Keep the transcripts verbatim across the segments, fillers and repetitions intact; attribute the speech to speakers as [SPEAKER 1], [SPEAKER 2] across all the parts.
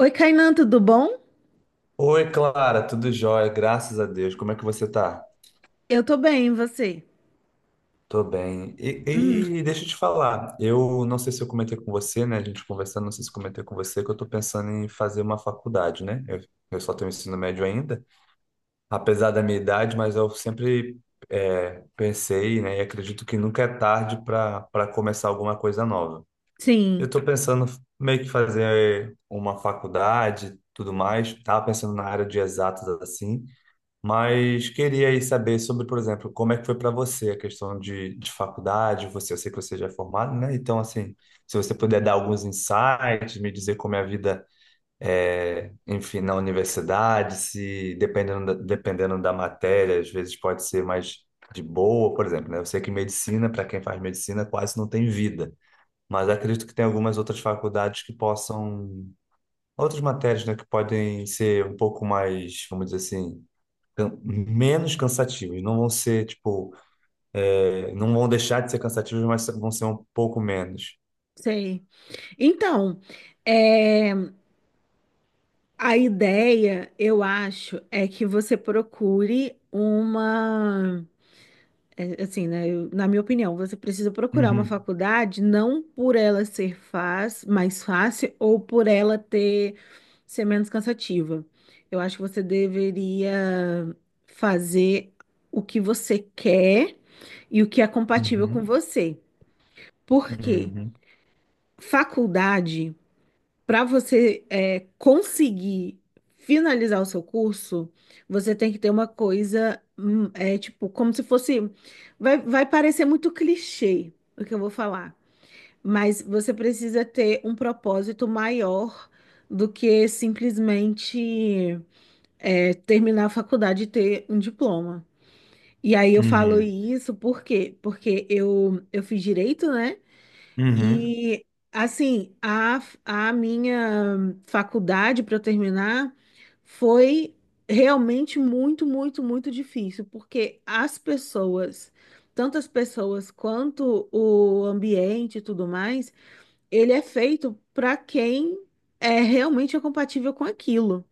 [SPEAKER 1] Oi, Kainan, tudo bom?
[SPEAKER 2] Oi, Clara, tudo jóia, graças a Deus. Como é que você tá?
[SPEAKER 1] Eu tô bem, e você?
[SPEAKER 2] Tô bem. E,
[SPEAKER 1] Hum,
[SPEAKER 2] e deixa eu te falar, eu não sei se eu comentei com você, né? A gente conversando, não sei se eu comentei com você, que eu tô pensando em fazer uma faculdade, né? Eu, eu só tenho ensino médio ainda, apesar da minha idade, mas eu sempre é, pensei, né? E acredito que nunca é tarde para para começar alguma coisa nova.
[SPEAKER 1] sim,
[SPEAKER 2] Eu tô pensando meio que fazer uma faculdade, tudo mais. Tava pensando na área de exatas assim. Mas queria aí saber sobre, por exemplo, como é que foi para você a questão de, de faculdade. Você, eu sei que você já é formado, né? Então, assim, se você puder dar alguns insights, me dizer como é a vida, é, enfim, na universidade, se dependendo da, dependendo da matéria, às vezes pode ser mais de boa, por exemplo, né? Eu sei que medicina, para quem faz medicina, quase não tem vida. Mas acredito que tem algumas outras faculdades que possam, outras matérias, né, que podem ser um pouco mais, vamos dizer assim can- menos cansativos. Não vão ser, tipo, é, não vão deixar de ser cansativos, mas vão ser um pouco menos.
[SPEAKER 1] sei. Então, é, a ideia, eu acho, é que você procure uma, é, assim, né, eu- na minha opinião, você precisa procurar uma
[SPEAKER 2] Uhum,
[SPEAKER 1] faculdade não por ela ser faz, mais fácil ou por ela ter ser menos cansativa. Eu acho que você deveria fazer o que você quer e o que é compatível com
[SPEAKER 2] uhum,
[SPEAKER 1] você. Por quê?
[SPEAKER 2] uhum,
[SPEAKER 1] Faculdade, para você é, conseguir finalizar o seu curso, você tem que ter uma coisa, hum, é, tipo, como se fosse. Vai, vai parecer muito clichê o que eu vou falar, mas você precisa ter um propósito maior do que simplesmente é, terminar a faculdade e ter um diploma. E aí eu falo
[SPEAKER 2] uhum,
[SPEAKER 1] isso por quê? Porque eu, eu fiz direito, né?
[SPEAKER 2] uhum,
[SPEAKER 1] E assim, a, a minha faculdade para eu terminar foi realmente muito, muito, muito difícil, porque as pessoas, tanto as pessoas quanto o ambiente e tudo mais, ele é feito para quem é realmente é compatível com aquilo.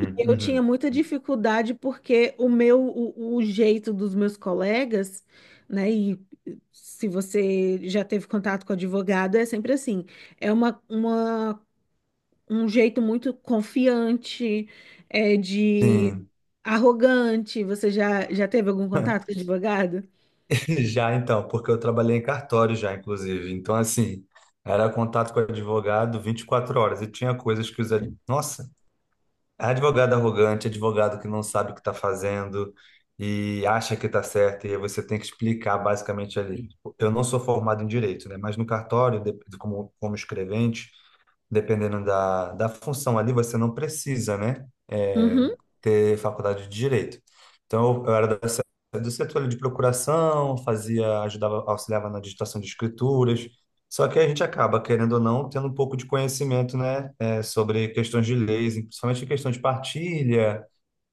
[SPEAKER 1] E eu tinha
[SPEAKER 2] uhum.
[SPEAKER 1] muita dificuldade porque o meu, o, o jeito dos meus colegas, né? E se você já teve contato com advogado, é sempre assim. É uma, uma, um jeito muito confiante, é de
[SPEAKER 2] Sim,
[SPEAKER 1] arrogante. Você já, já teve algum contato com advogado?
[SPEAKER 2] já então, porque eu trabalhei em cartório já, inclusive. Então, assim, era contato com o advogado vinte e quatro horas e tinha coisas que os... ad- Nossa, advogado arrogante, advogado que não sabe o que está fazendo e acha que está certo, e aí você tem que explicar basicamente ali. Tipo, eu não sou formado em direito, né? Mas no cartório, de- como, como escrevente, dependendo da, da função ali, você não precisa, né, é,
[SPEAKER 1] Uhum,
[SPEAKER 2] ter faculdade de direito. Então, eu era da se- do setor ali de procuração, fazia, ajudava, auxiliava na digitação de escrituras. Só que a gente acaba, querendo ou não, tendo um pouco de conhecimento, né, é, sobre questões de leis, principalmente questão de partilha,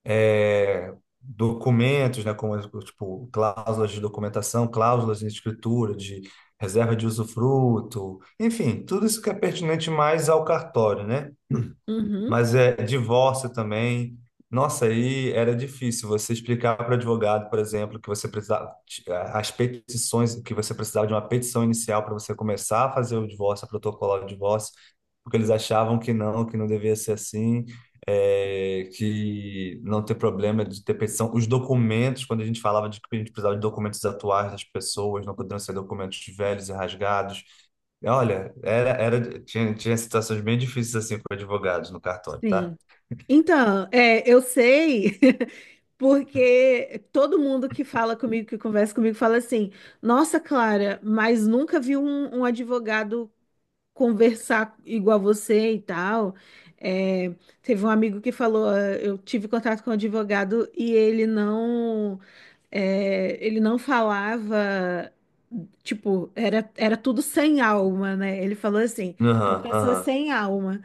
[SPEAKER 2] é, documentos, né, como, tipo, cláusulas de documentação, cláusulas de escritura, de reserva de usufruto, enfim, tudo isso que é pertinente mais ao cartório, né?
[SPEAKER 1] uhum,
[SPEAKER 2] Mas é divórcio também. Nossa, aí era difícil você explicar para o advogado, por exemplo, que você precisava as petições, que você precisava de uma petição inicial para você começar a fazer o divórcio, a protocolar o divórcio, porque eles achavam que não, que não devia ser assim, é, que não ter problema de ter petição. Os documentos, quando a gente falava de que a gente precisava de documentos atuais das pessoas, não poderiam ser documentos velhos e rasgados. Olha, era, era, tinha, tinha situações bem difíceis assim com advogados no cartório, tá?
[SPEAKER 1] sim. Então, é, eu sei, porque todo mundo que fala comigo, que conversa comigo, fala assim: Nossa, Clara, mas nunca vi um, um advogado conversar igual você e tal. É, teve um amigo que falou: "Ah, eu tive contato com um advogado e ele não, é, ele não falava. Tipo, era, era tudo sem alma, né? Ele falou assim, uma
[SPEAKER 2] Aham,
[SPEAKER 1] pessoa
[SPEAKER 2] aham.
[SPEAKER 1] sem alma.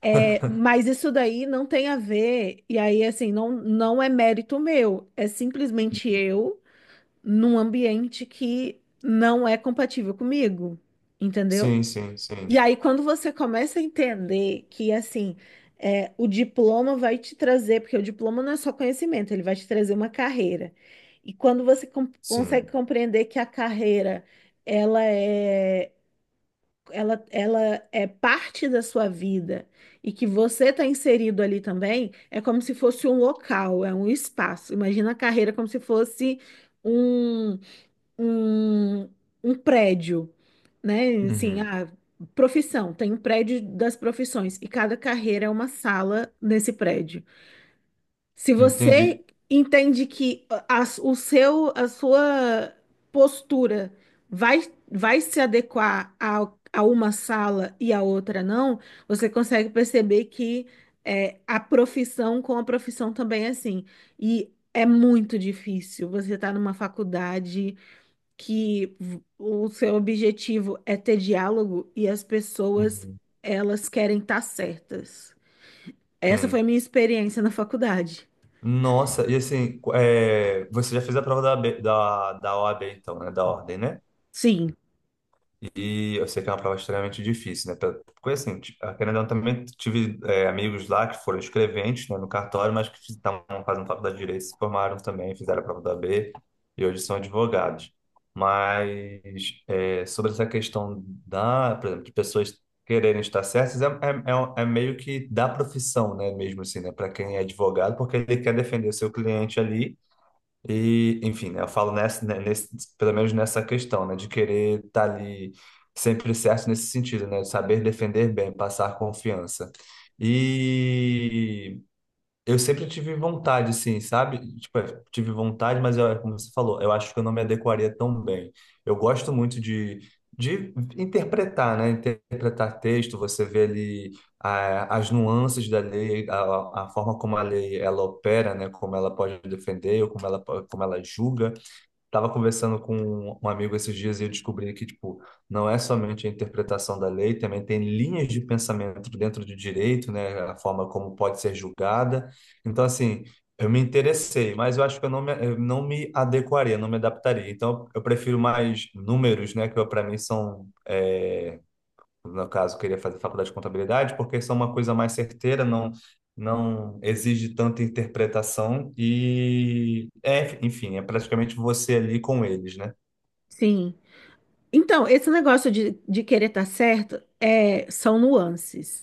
[SPEAKER 1] É, mas isso daí não tem a ver, e aí, assim, não, não é mérito meu, é simplesmente eu num ambiente que não é compatível comigo, entendeu?
[SPEAKER 2] Sim, sim,
[SPEAKER 1] E
[SPEAKER 2] sim,
[SPEAKER 1] aí, quando você começa a entender que, assim, é, o diploma vai te trazer, porque o diploma não é só conhecimento, ele vai te trazer uma carreira. E quando você com- consegue
[SPEAKER 2] sim.
[SPEAKER 1] compreender que a carreira, ela é ela, ela é parte da sua vida e que você está inserido ali também, é como se fosse um local, é um espaço. Imagina a carreira como se fosse um, um, um prédio, né? Assim,
[SPEAKER 2] Uhum.
[SPEAKER 1] a profissão, tem um prédio das profissões e cada carreira é uma sala nesse prédio. Se
[SPEAKER 2] Entendi.
[SPEAKER 1] você entende que a, o seu, a sua postura vai, vai se adequar a, a uma sala e a outra não, você consegue perceber que é, a profissão com a profissão também é assim. E é muito difícil. Você está numa faculdade que v- o seu objetivo é ter diálogo e as pessoas,
[SPEAKER 2] Uhum.
[SPEAKER 1] elas querem estar certas. Essa foi
[SPEAKER 2] Sim.
[SPEAKER 1] a minha experiência na faculdade.
[SPEAKER 2] Nossa, e assim, é, você já fez a prova da, O A B da, da O A B, então, né? Da ordem, né?
[SPEAKER 1] Sim.
[SPEAKER 2] E eu sei que é uma prova extremamente difícil, né? Pra- Porque assim, t- querendo ou não, também tive é, amigos lá que foram escreventes, né, no cartório, mas que estavam fazendo faculdade de Direito, se formaram também, fizeram a prova da O A B e hoje são advogados. Mas é, sobre essa questão da, por exemplo, de pessoas quererem estar certas, é, é, é um- é meio que da profissão, né? Mesmo assim, né? Para quem é advogado, porque ele quer defender o seu cliente ali e, enfim, né, eu falo nessa, né, nesse, pelo menos nessa questão, né, de querer estar ali sempre certo nesse sentido, né, de saber defender bem, passar confiança. E eu sempre tive vontade, assim, sabe? Tipo, é, tive vontade, mas eu- é como você falou, eu acho que eu não me adequaria tão bem. Eu gosto muito de, de interpretar, né? Interpretar texto, você vê ali, ah, as nuances da lei, a, a forma como a lei ela opera, né? Como ela pode defender, ou como ela, po- como ela julga. Tava conversando com um amigo esses dias e eu descobri que, tipo, não é somente a interpretação da lei, também tem linhas de pensamento dentro do direito, né? A forma como pode ser julgada. Então, assim, eu me interessei, mas eu acho que eu não me, eu não me adequaria, não me adaptaria. Então, eu prefiro mais números, né? Que para mim são, é, no caso, queria fazer faculdade de contabilidade, porque isso é uma coisa mais certeira, não, não exige tanta interpretação e, é, enfim, é praticamente você ali com eles, né?
[SPEAKER 1] Sim. Então, esse negócio de, de querer estar certo é, são nuances.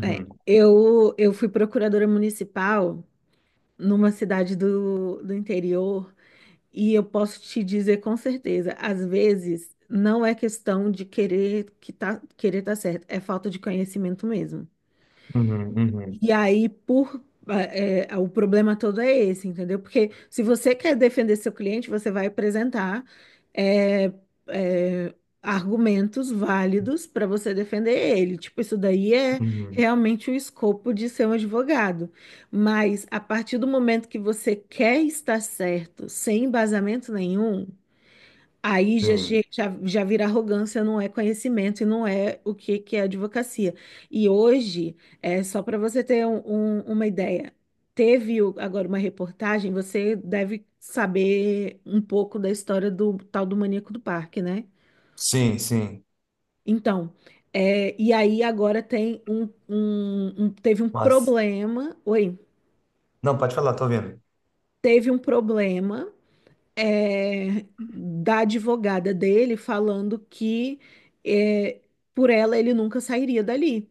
[SPEAKER 1] É, eu, eu fui procuradora municipal numa cidade do, do interior e eu posso te dizer com certeza, às vezes não é questão de querer que tá, querer estar certo, é falta de conhecimento mesmo.
[SPEAKER 2] uhum, uhum,
[SPEAKER 1] E aí, por é, é, o problema todo é esse, entendeu? Porque se você quer defender seu cliente, você vai apresentar é, é, argumentos válidos para você defender ele. Tipo, isso daí é
[SPEAKER 2] uhum.
[SPEAKER 1] realmente o escopo de ser um advogado. Mas a partir do momento que você quer estar certo, sem embasamento nenhum, aí já, che-
[SPEAKER 2] Sim,
[SPEAKER 1] já, já vira arrogância, não é conhecimento e não é o que, que é advocacia. E hoje, é só para você ter um- um- uma ideia, teve o- agora uma reportagem, você deve saber um pouco da história do tal do maníaco do parque, né?
[SPEAKER 2] sim, sim.
[SPEAKER 1] Então, é, e aí agora tem um, um- um- teve um
[SPEAKER 2] Nossa.
[SPEAKER 1] problema, oi,
[SPEAKER 2] Não, pode falar, tô ouvindo.
[SPEAKER 1] teve um problema é, da advogada dele falando que é, por ela ele nunca sairia dali.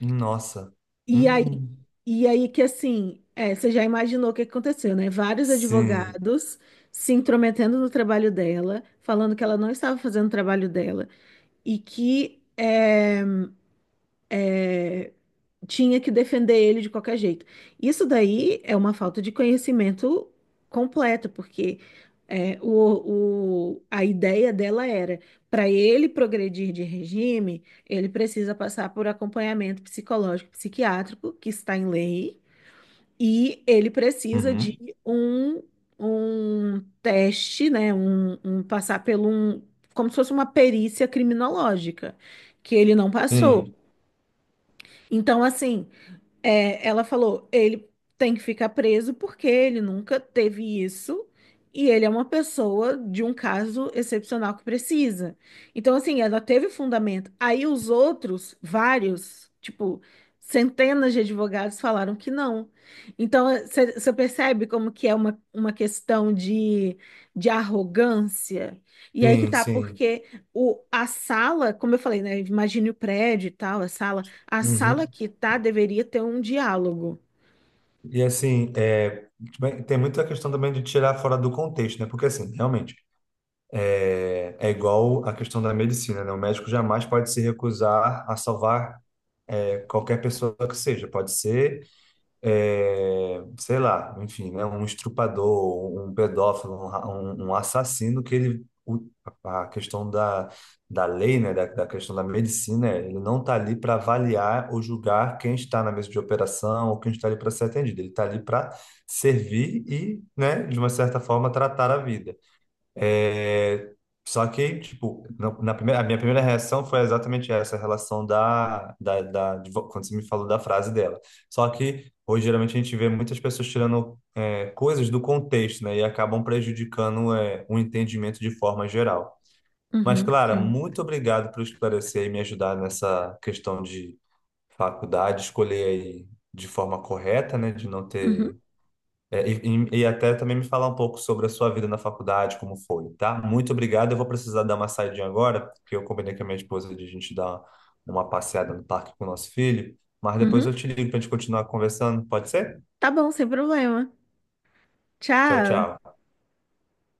[SPEAKER 2] Nossa.
[SPEAKER 1] E aí,
[SPEAKER 2] Hum,
[SPEAKER 1] e aí que assim, é, você já imaginou o que que aconteceu, né? Vários
[SPEAKER 2] sim.
[SPEAKER 1] advogados se intrometendo no trabalho dela, falando que ela não estava fazendo o trabalho dela e que eh, tinha que defender ele de qualquer jeito. Isso daí é uma falta de conhecimento completo, porque é, o, o- a ideia dela era, para ele progredir de regime, ele precisa passar por acompanhamento psicológico, psiquiátrico, que está em lei, e ele precisa de
[SPEAKER 2] Uhum.
[SPEAKER 1] um, um teste, né, um, um passar pelo um, como se fosse uma perícia criminológica, que ele não passou.
[SPEAKER 2] Sim,
[SPEAKER 1] Então, assim, é, ela falou, ele tem que ficar preso porque ele nunca teve isso e ele é uma pessoa de um caso excepcional que precisa. Então, assim, ela teve fundamento. Aí os outros, vários, tipo, centenas de advogados falaram que não. Então, você percebe como que é uma, uma questão de, de arrogância? E aí que
[SPEAKER 2] sim,
[SPEAKER 1] tá,
[SPEAKER 2] sim.
[SPEAKER 1] porque o, a sala, como eu falei, né? Imagine o prédio e tal, a sala a
[SPEAKER 2] Uhum.
[SPEAKER 1] sala que tá deveria ter um diálogo.
[SPEAKER 2] E assim, é, tem muita a questão também de tirar fora do contexto, né? Porque assim, realmente, é é igual a questão da medicina, né? O médico jamais pode se recusar a salvar é, qualquer pessoa que seja. Pode ser, é, sei lá, enfim, né? Um estrupador, um pedófilo, um, ra- um- um assassino que ele... o- a questão da, da lei, né? Da, da questão da medicina, ele não está ali para avaliar ou julgar quem está na mesa de operação ou quem está ali para ser atendido. Ele está ali para servir e, né? De uma certa forma, tratar a vida. É, só que, tipo, na, na primeira, a minha primeira reação foi exatamente essa, a relação da, da, da- de vo- quando você me falou da frase dela. Só que hoje, geralmente, a gente vê muitas pessoas tirando é, coisas do contexto, né? E acabam prejudicando é, o entendimento de forma geral. Mas,
[SPEAKER 1] Uhum,
[SPEAKER 2] Clara,
[SPEAKER 1] sim.
[SPEAKER 2] muito obrigado por esclarecer e me ajudar nessa questão de faculdade, escolher aí de forma correta, né? De não
[SPEAKER 1] Uhum,
[SPEAKER 2] ter é, e, e- e até também me falar um pouco sobre a sua vida na faculdade, como foi, tá? Muito obrigado. Eu vou precisar dar uma saidinha agora, porque eu combinei com a minha esposa de a gente dar uma passeada no parque com o nosso filho. Mas depois
[SPEAKER 1] uhum.
[SPEAKER 2] eu te ligo para a gente continuar conversando, pode ser?
[SPEAKER 1] Tá bom, sem problema.
[SPEAKER 2] Tchau,
[SPEAKER 1] Tchau.
[SPEAKER 2] tchau.